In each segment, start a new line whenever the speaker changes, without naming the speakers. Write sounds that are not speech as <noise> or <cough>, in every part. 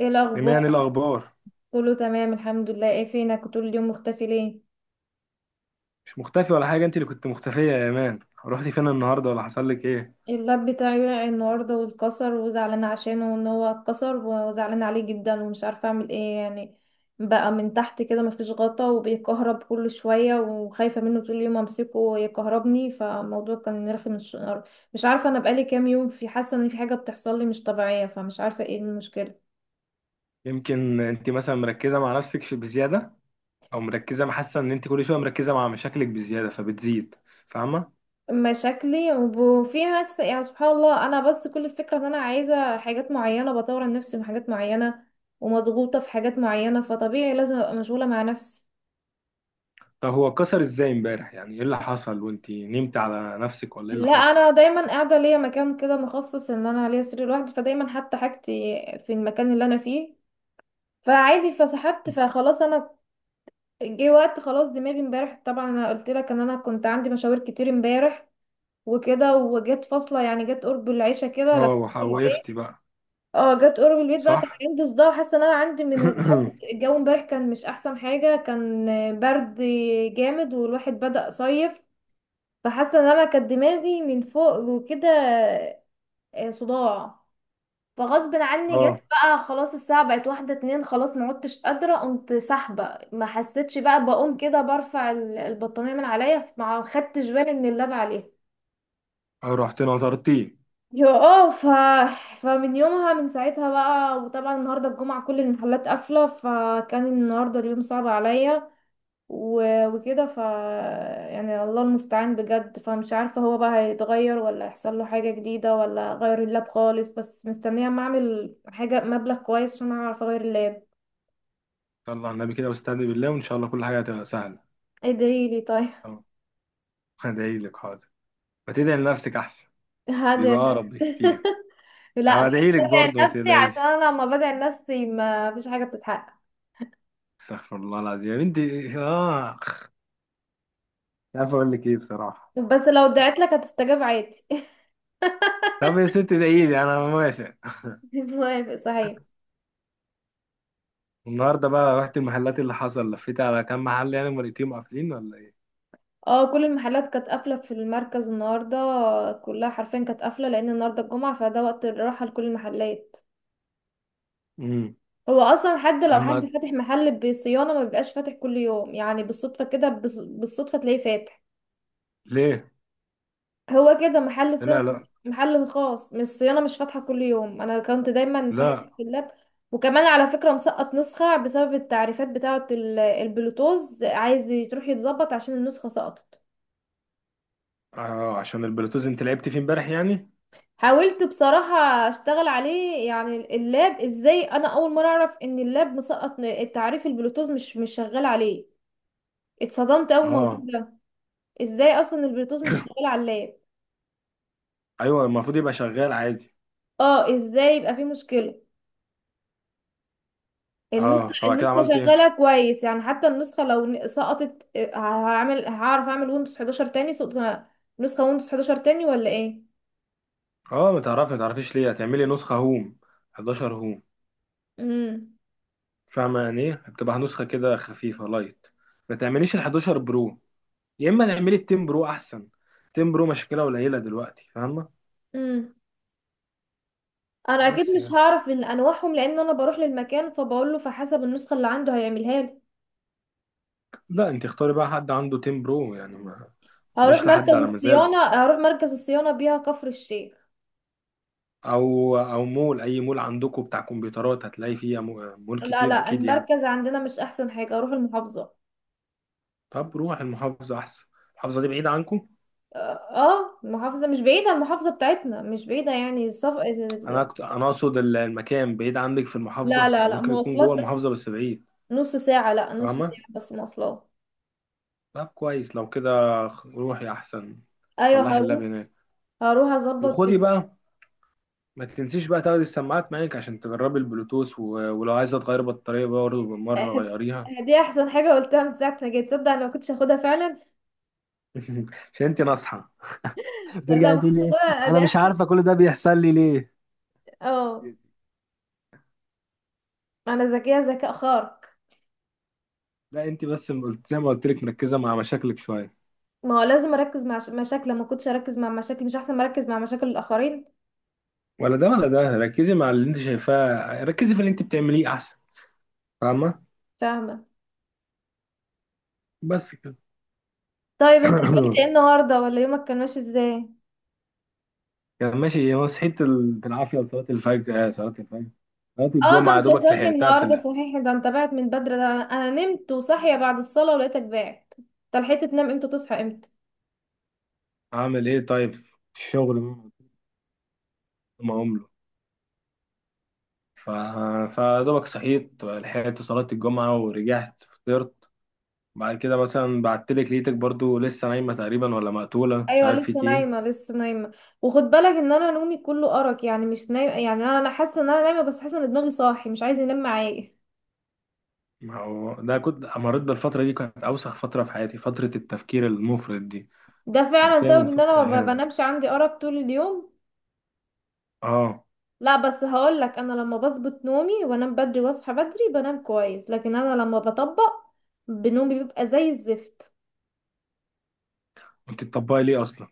ايه الاخبار؟
إيمان الأخبار.
كله تمام، الحمد لله. ايه فينك؟ كنت طول اليوم مختفي ليه؟
مش مختفي ولا حاجة، أنت اللي كنت مختفية يا إيمان. رحتي فين النهاردة ولا حصل لك إيه؟
اللاب بتاعي وقع النهارده واتكسر، وزعلانه عشانه ان هو اتكسر، وزعلانه عليه جدا، ومش عارفه اعمل ايه يعني. بقى من تحت كده مفيش غطا وبيكهرب كل شويه، وخايفه منه طول اليوم امسكه يكهربني، فالموضوع كان رخم. مش عارفه، انا بقالي كام يوم في حاسه ان في حاجه بتحصل لي مش طبيعيه، فمش عارفه ايه المشكله.
يمكن أنت مثلا مركزة مع نفسك بزيادة، أو مركزة، حاسة إن أنت كل شوية مركزة مع مشاكلك بزيادة فبتزيد. فاهمة؟
مشاكلي وفي ناس، يعني سبحان الله، انا بس كل الفكره ان انا عايزه حاجات معينه، بطور من نفسي في حاجات معينه، ومضغوطه في حاجات معينه، فطبيعي لازم ابقى مشغوله مع نفسي.
طب هو اتكسر إزاي إمبارح؟ يعني إيه اللي حصل؟ وأنت نمت على نفسك ولا إيه اللي
لا،
حصل؟
انا دايما قاعده ليا مكان كده مخصص، ان انا ليا سرير لوحدي، فدايما حتى حاجتي في المكان اللي انا فيه، فعادي فسحبت
<laughs>
فخلاص انا. جه وقت خلاص دماغي امبارح، طبعا انا قلت لك ان انا كنت عندي مشاوير كتير امبارح وكده، وجت فاصله يعني، جت قرب العشاء كده
أه،
دخلت.
وقفتي بقى.
اه، جت قرب البيت بقى،
صح.
كان عندي صداع وحاسه ان انا عندي من الجو.
<laughs> <clears throat>
الجو امبارح كان مش احسن حاجه، كان برد جامد والواحد بدأ صيف. فحاسه ان انا كانت دماغي من فوق وكده. صداع. فغصب عني
أه.
جت بقى خلاص، الساعه بقت واحده اتنين خلاص، ما عدتش قادره، قمت سحبه ما حسيتش بقى، بقوم كده برفع البطانيه من عليا، ما خدتش بالي ان اللاب عليها.
أه، رحت نطرتيه.
يا اه فمن يومها من ساعتها بقى. وطبعا النهارده الجمعة كل المحلات قافلة، فكان النهارده اليوم صعب عليا. و... وكده ف، يعني الله المستعان بجد. فمش عارفة هو بقى هيتغير ولا هيحصل له حاجة جديدة، ولا غير اللاب خالص، بس مستنية اما اعمل حاجة مبلغ كويس عشان اعرف اغير اللاب.
يلا على النبي كده واستهدي بالله، وإن شاء الله كل حاجة هتبقى سهلة.
ادعي لي طيب.
أه، هدعيلك حاضر. ما تدعي لنفسك أحسن؟
هذا
بيبقى
<laughs>
أقرب بكتير.
لا مش
هودعيلك
بدعي
برضه ما
لنفسي، عشان
تقلقيش.
انا لما بدعي لنفسي ما فيش حاجة بتتحقق.
استغفر الله العظيم يا بنتي. اه، مش عارف اقول لك ايه بصراحه.
بس لو دعيت لك هتستجاب عادي.
طب يا ست ادعيلي انا موافق.
موافق صحيح؟
النهارده بقى رحت المحلات، اللي حصل لفيت على كام محل يعني، مرتين قافلين ولا ايه؟
اه، كل المحلات كانت قافلة في المركز النهاردة، كلها حرفيا كانت قافلة، لأن النهاردة الجمعة، فده وقت الراحة لكل المحلات.
امم.
هو أصلا حد لو حد
لما،
فاتح محل بصيانة ما بيبقاش فاتح كل يوم، يعني بالصدفة كده، بالصدفة تلاقيه فاتح.
ليه؟
هو كده محل صيانة.
لا لا
محل خاص، مش الصيانة مش فاتحة كل يوم، أنا كنت دايما في حاجات
لا.
في اللاب. وكمان على فكرة مسقط نسخة بسبب التعريفات بتاعة البلوتوز، عايز تروح يتظبط عشان النسخة سقطت.
آه، عشان البلوتوث انت لعبت فيه امبارح يعني.
حاولت بصراحة اشتغل عليه يعني، اللاب ازاي، انا اول مرة اعرف ان اللاب مسقط التعريف، البلوتوث مش شغال عليه. اتصدمت اول الموضوع
اه.
ده، ازاي اصلا البلوتوث مش
<coughs>
شغال على اللاب؟
ايوه، المفروض يبقى شغال عادي.
اه، ازاي يبقى في مشكلة.
اه،
النسخة
فبعد كده
النسخة
عملت ايه؟
شغالة كويس يعني، حتى النسخة لو سقطت، هعمل هعرف اعمل ويندوز 11 تاني، نسخة ويندوز 11 تاني ولا ايه.
اه، ما تعرفي، ما تعرفيش ليه هتعملي نسخه هوم؟ 11 هوم.
امم،
فاهمة يعني ايه؟ بتبقى نسخة كده خفيفة، لايت. ما تعمليش ال 11 برو، يا اما تعملي ال 10 برو احسن. 10 برو مشكلة قليلة دلوقتي، فاهمة؟
امم انا اكيد
بس
مش
يعني،
هعرف ان انواعهم، لان انا بروح للمكان فبقول له، فحسب النسخة اللي عنده هيعملها لي.
لا انت اختاري بقى حد عنده 10 برو يعني، ما
هروح
تروحيش لحد
مركز
على مزاجه،
الصيانة، هروح مركز الصيانة بيها كفر الشيخ.
او او مول، اي مول عندكم بتاع كمبيوترات هتلاقي فيه، مول
لا
كتير
لا،
اكيد يعني.
المركز عندنا مش أحسن حاجة، هروح المحافظة.
طب روح المحافظة احسن. المحافظة دي بعيدة عنكم؟
اه، المحافظة مش بعيدة، المحافظة بتاعتنا مش بعيدة يعني
انا اقصد المكان بعيد عندك في
لا
المحافظة؟
لا
ما
لا،
ممكن يكون
مواصلات
جوه
بس.
المحافظة بس بعيد.
نص ساعة، لا نص
فاهمة؟
ساعة بس مواصلات.
طب كويس لو كده. روحي احسن،
أيوة
صلحي اللاب
هروح.
هناك.
هروح أظبط
وخدي بقى، ما تنسيش بقى تاخدي السماعات معاك عشان تجربي البلوتوث ولو عايزه تغيري بطاريه برضه بالمره غيريها.
<laughs> دي أحسن حاجة قلتها من ساعة ما جيت، تصدق أنا ما كنتش هاخدها فعلا.
<laughs> عشان انت ناصحه
لا ده
بترجع
ما
تقول
كنتش
ايه؟
هاخدها، دي
انا مش
أحسن.
عارفه كل ده بيحصل لي ليه.
اه، أنا ذكية ذكاء خارق.
لا انت بس زي ما قلت لك مركزه مع مشاكلك شويه.
ما هو لازم اركز مع مشاكل، ما كنتش اركز مع مشاكل مش احسن، مركز مع مشاكل الاخرين.
ولا ده ولا ده، ركزي مع اللي انت شايفاه، ركزي في اللي انت بتعمليه احسن. فاهمه؟
فاهمه.
بس كده.
طيب انت عملت ايه
<clears throat> <coughs>
النهارده، ولا يومك كان ماشي ازاي؟
كان ماشي. هو صحيت بالعافية لصلاة الفجر. آه، صلاة الفجر، صلاة
اه، ده
الجمعة
انت
دوبك
صاحي
لحقتها في
النهارده صحيح، ده انت بعت من بدري، ده انا، أنا نمت وصاحيه بعد الصلاه ولقيتك بعت. طب لحقت تنام امتى تصحى امتى؟
أعمل إيه طيب؟ الشغل، ما عمله. ف... فدوبك صحيت لحقت صلاة الجمعة ورجعت فطرت. بعد كده مثلا بعتلك لقيتك برضو لسه نايمة تقريبا، ولا مقتولة مش
ايوه
عارف
لسه
فيك إيه.
نايمه، لسه نايمه. وخد بالك ان انا نومي كله ارق يعني، مش نايمه يعني، انا حاسه ان انا نايمه، بس حاسه ان دماغي صاحي مش عايز ينام معايا.
ما هو ده كنت مريت بالفترة دي، كانت أوسخ فترة في حياتي، فترة التفكير المفرط دي.
ده فعلا
حرفيا
سبب ان
فترة
انا ما
إهانة.
بنامش، عندي ارق طول اليوم.
آه.
لا، بس هقول لك، انا لما بظبط نومي وانام بدري واصحى بدري بنام كويس، لكن انا لما بطبق بنومي بيبقى زي الزفت.
أنت بتطبقي ليه أصلا؟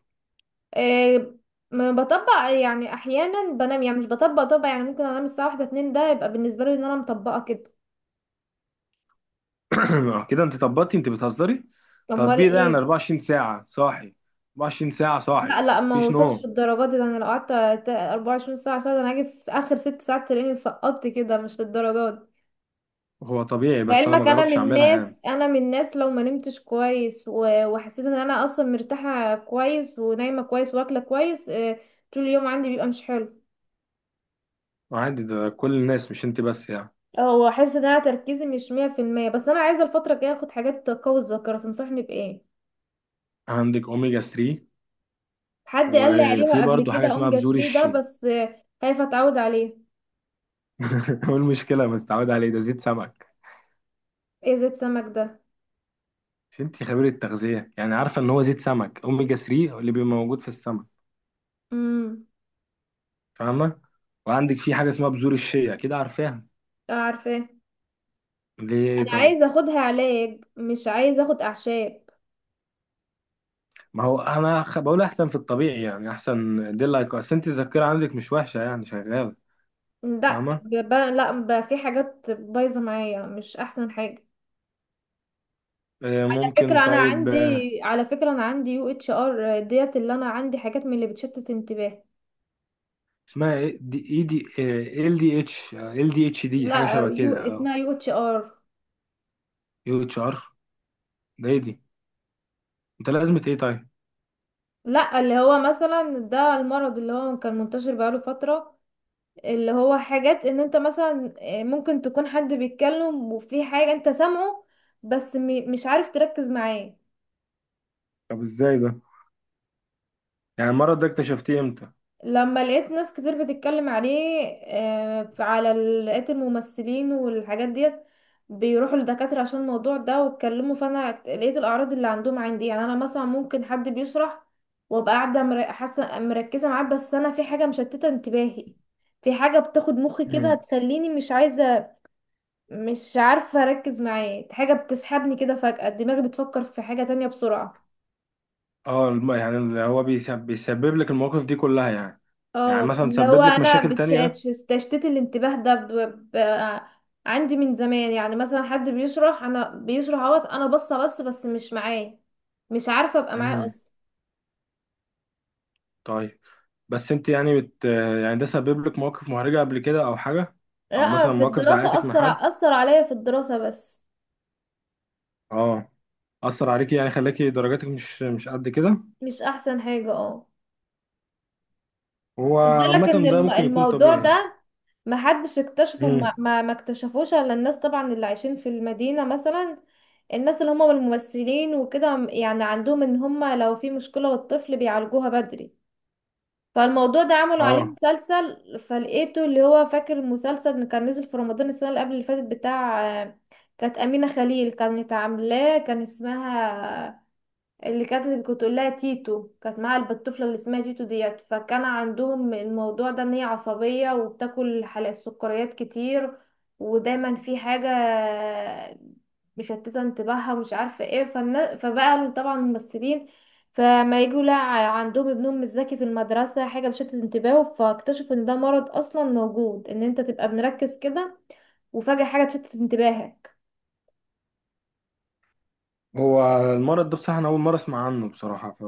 إيه. ما بطبق يعني، احيانا بنام يعني مش بطبق طبق، يعني ممكن انام الساعه واحدة اتنين، ده يبقى بالنسبه لي ان انا مطبقه كده.
<coughs> <clears throat> آه، كده انت طبقتي. انت بتهزري؟
امال
التطبيق ده يعني
ايه.
24 ساعة صاحي؟ 24 ساعة صاحي،
لا لا، ما
مفيش
وصلش
نوم؟
الدرجات دي، ده انا لو قعدت 24 ساعه، ده انا هاجي في اخر ست ساعات تلاقيني سقطت كده، مش للدرجات.
هو طبيعي بس انا ما
لعلمك انا من
جربتش اعملها
الناس،
يعني.
انا من الناس لو ما نمتش كويس وحسيت ان انا اصلا مرتاحه كويس ونايمه كويس واكله كويس، طول اليوم عندي بيبقى مش حلو.
عادي، ده كل الناس مش انت بس يعني.
اه، واحس ان انا تركيزي مش 100%، بس انا عايزه الفتره الجايه اخد حاجات تقوي الذاكره، تنصحني بايه؟
عندك اوميجا 3،
حد قال لي
وفي
عليها قبل
برضه حاجة
كده،
اسمها
اوميجا
بذور
3 ده
الشيا.
بس، خايفه اتعود عليه.
<laughs> ايه المشكلة ما تتعود عليه، ده زيت سمك.
ايه زيت سمك ده؟
مش انت خبيرة تغذية يعني؟ عارفة ان هو زيت سمك، اوميجا 3 اللي بيبقى موجود في السمك.
امم.
فاهمة؟ وعندك في حاجة اسمها بذور الشيا، كده عارفاها.
عارفه.
ليه
انا
طيب؟
عايزه اخدها علاج، مش عايزه اخد اعشاب.
ما هو انا بقول احسن في الطبيعي، يعني احسن، دي لايك، اصل انت الذاكره عندك مش وحشه يعني، شغاله.
لا
فاهمه؟
لا في حاجات بايظه معايا مش احسن حاجه.
آه،
على
ممكن
فكره انا
طيب.
عندي،
آه،
على فكره انا عندي UHR ديت، اللي انا عندي حاجات من اللي بتشتت انتباه.
اسمها ايه دي، اي دي؟ آه، ال دي اتش، آه، ال دي اتش دي، حاجه
لا
شبه
يو،
كده اه.
اسمها UHR.
يو اتش ار، ده ايه دي؟ انت لازمه ايه طيب؟
لا اللي هو مثلا ده المرض اللي هو كان منتشر بقاله فتره، اللي هو حاجات ان انت مثلا، ممكن تكون حد بيتكلم وفي حاجه انت سامعه، بس مش عارف تركز معاه.
طب ازاي ده؟ يعني المرض ده اكتشفتيه امتى؟
لما لقيت ناس كتير بتتكلم عليه، على لقيت الممثلين والحاجات ديت بيروحوا لدكاترة عشان الموضوع ده، واتكلموا، فانا لقيت الاعراض اللي عندهم عندي. يعني انا مثلا ممكن حد بيشرح وابقى قاعدة حاسة مركزة معاه، بس انا في حاجة مشتتة انتباهي، في حاجة بتاخد مخي كده
مم.
تخليني مش عايزة، مش عارفة اركز معاه، حاجة بتسحبني كده، فجأة دماغي بتفكر في حاجة تانية بسرعة.
اه يعني اللي هو بيسبب, بيسبب لك المواقف دي كلها يعني؟ يعني
اه،
مثلا
اللي هو
سبب لك
انا
مشاكل تانية؟
تشتيت الانتباه ده ب... عندي من زمان. يعني مثلا حد بيشرح، انا بيشرح اهوت انا باصه، بس مش معاه، مش عارفه ابقى معاه
مم.
اصلا.
طيب، بس انت يعني بت، يعني ده سبب لك مواقف محرجة قبل كده او حاجة؟ او
لا،
مثلا
في
مواقف
الدراسه
زعلتك من حد؟
اثر عليا في الدراسه بس،
اه، اثر عليكي يعني، خلاكي درجاتك مش مش قد كده.
مش احسن حاجه اه.
هو
خد بالك ان
عامة ده ممكن يكون
الموضوع
طبيعي.
ده محدش اكتشفه،
امم،
ما اكتشفوش الا الناس طبعا اللي عايشين في المدينه مثلا. الناس اللي هم الممثلين وكده، يعني عندهم ان هم لو في مشكله للطفل بيعالجوها بدري، فالموضوع ده عملوا عليه
اه.
مسلسل، فلقيته. اللي هو فاكر المسلسل اللي كان نزل في رمضان السنة اللي قبل اللي فاتت بتاع، كانت أمينة خليل كانت عاملاه، كان اسمها، اللي كانت كنت اقول لها تيتو، كانت معاها الطفله اللي اسمها تيتو ديت. فكان عندهم الموضوع ده ان هي عصبيه، وبتاكل حلقة السكريات كتير، ودايما في حاجه مشتته انتباهها، ومش عارفه ايه. فبقى طبعا الممثلين، فما يجوا لا عندهم ابنهم مش ذكي في المدرسه، حاجه بتشتت انتباهه، فاكتشفوا ان ده مرض اصلا موجود، ان انت تبقى مركز كده وفجاه حاجه تشتت انتباهك.
هو المرض ده بصراحة انا اول مرة اسمع عنه بصراحة.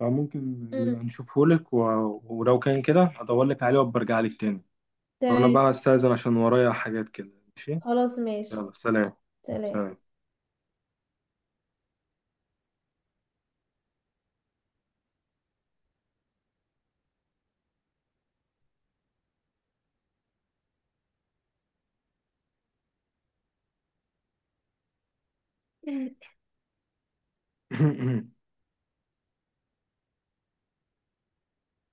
فممكن
مم.
نبقى نشوفه لك ولو كان كده هدور لك عليه وبرجع لك تاني. وانا
تمام.
بقى استاذن عشان ورايا حاجات كده. ماشي.
خلاص ماشي.
يلا سلام.
سلام.
سلام.
<laughs>
<clears throat>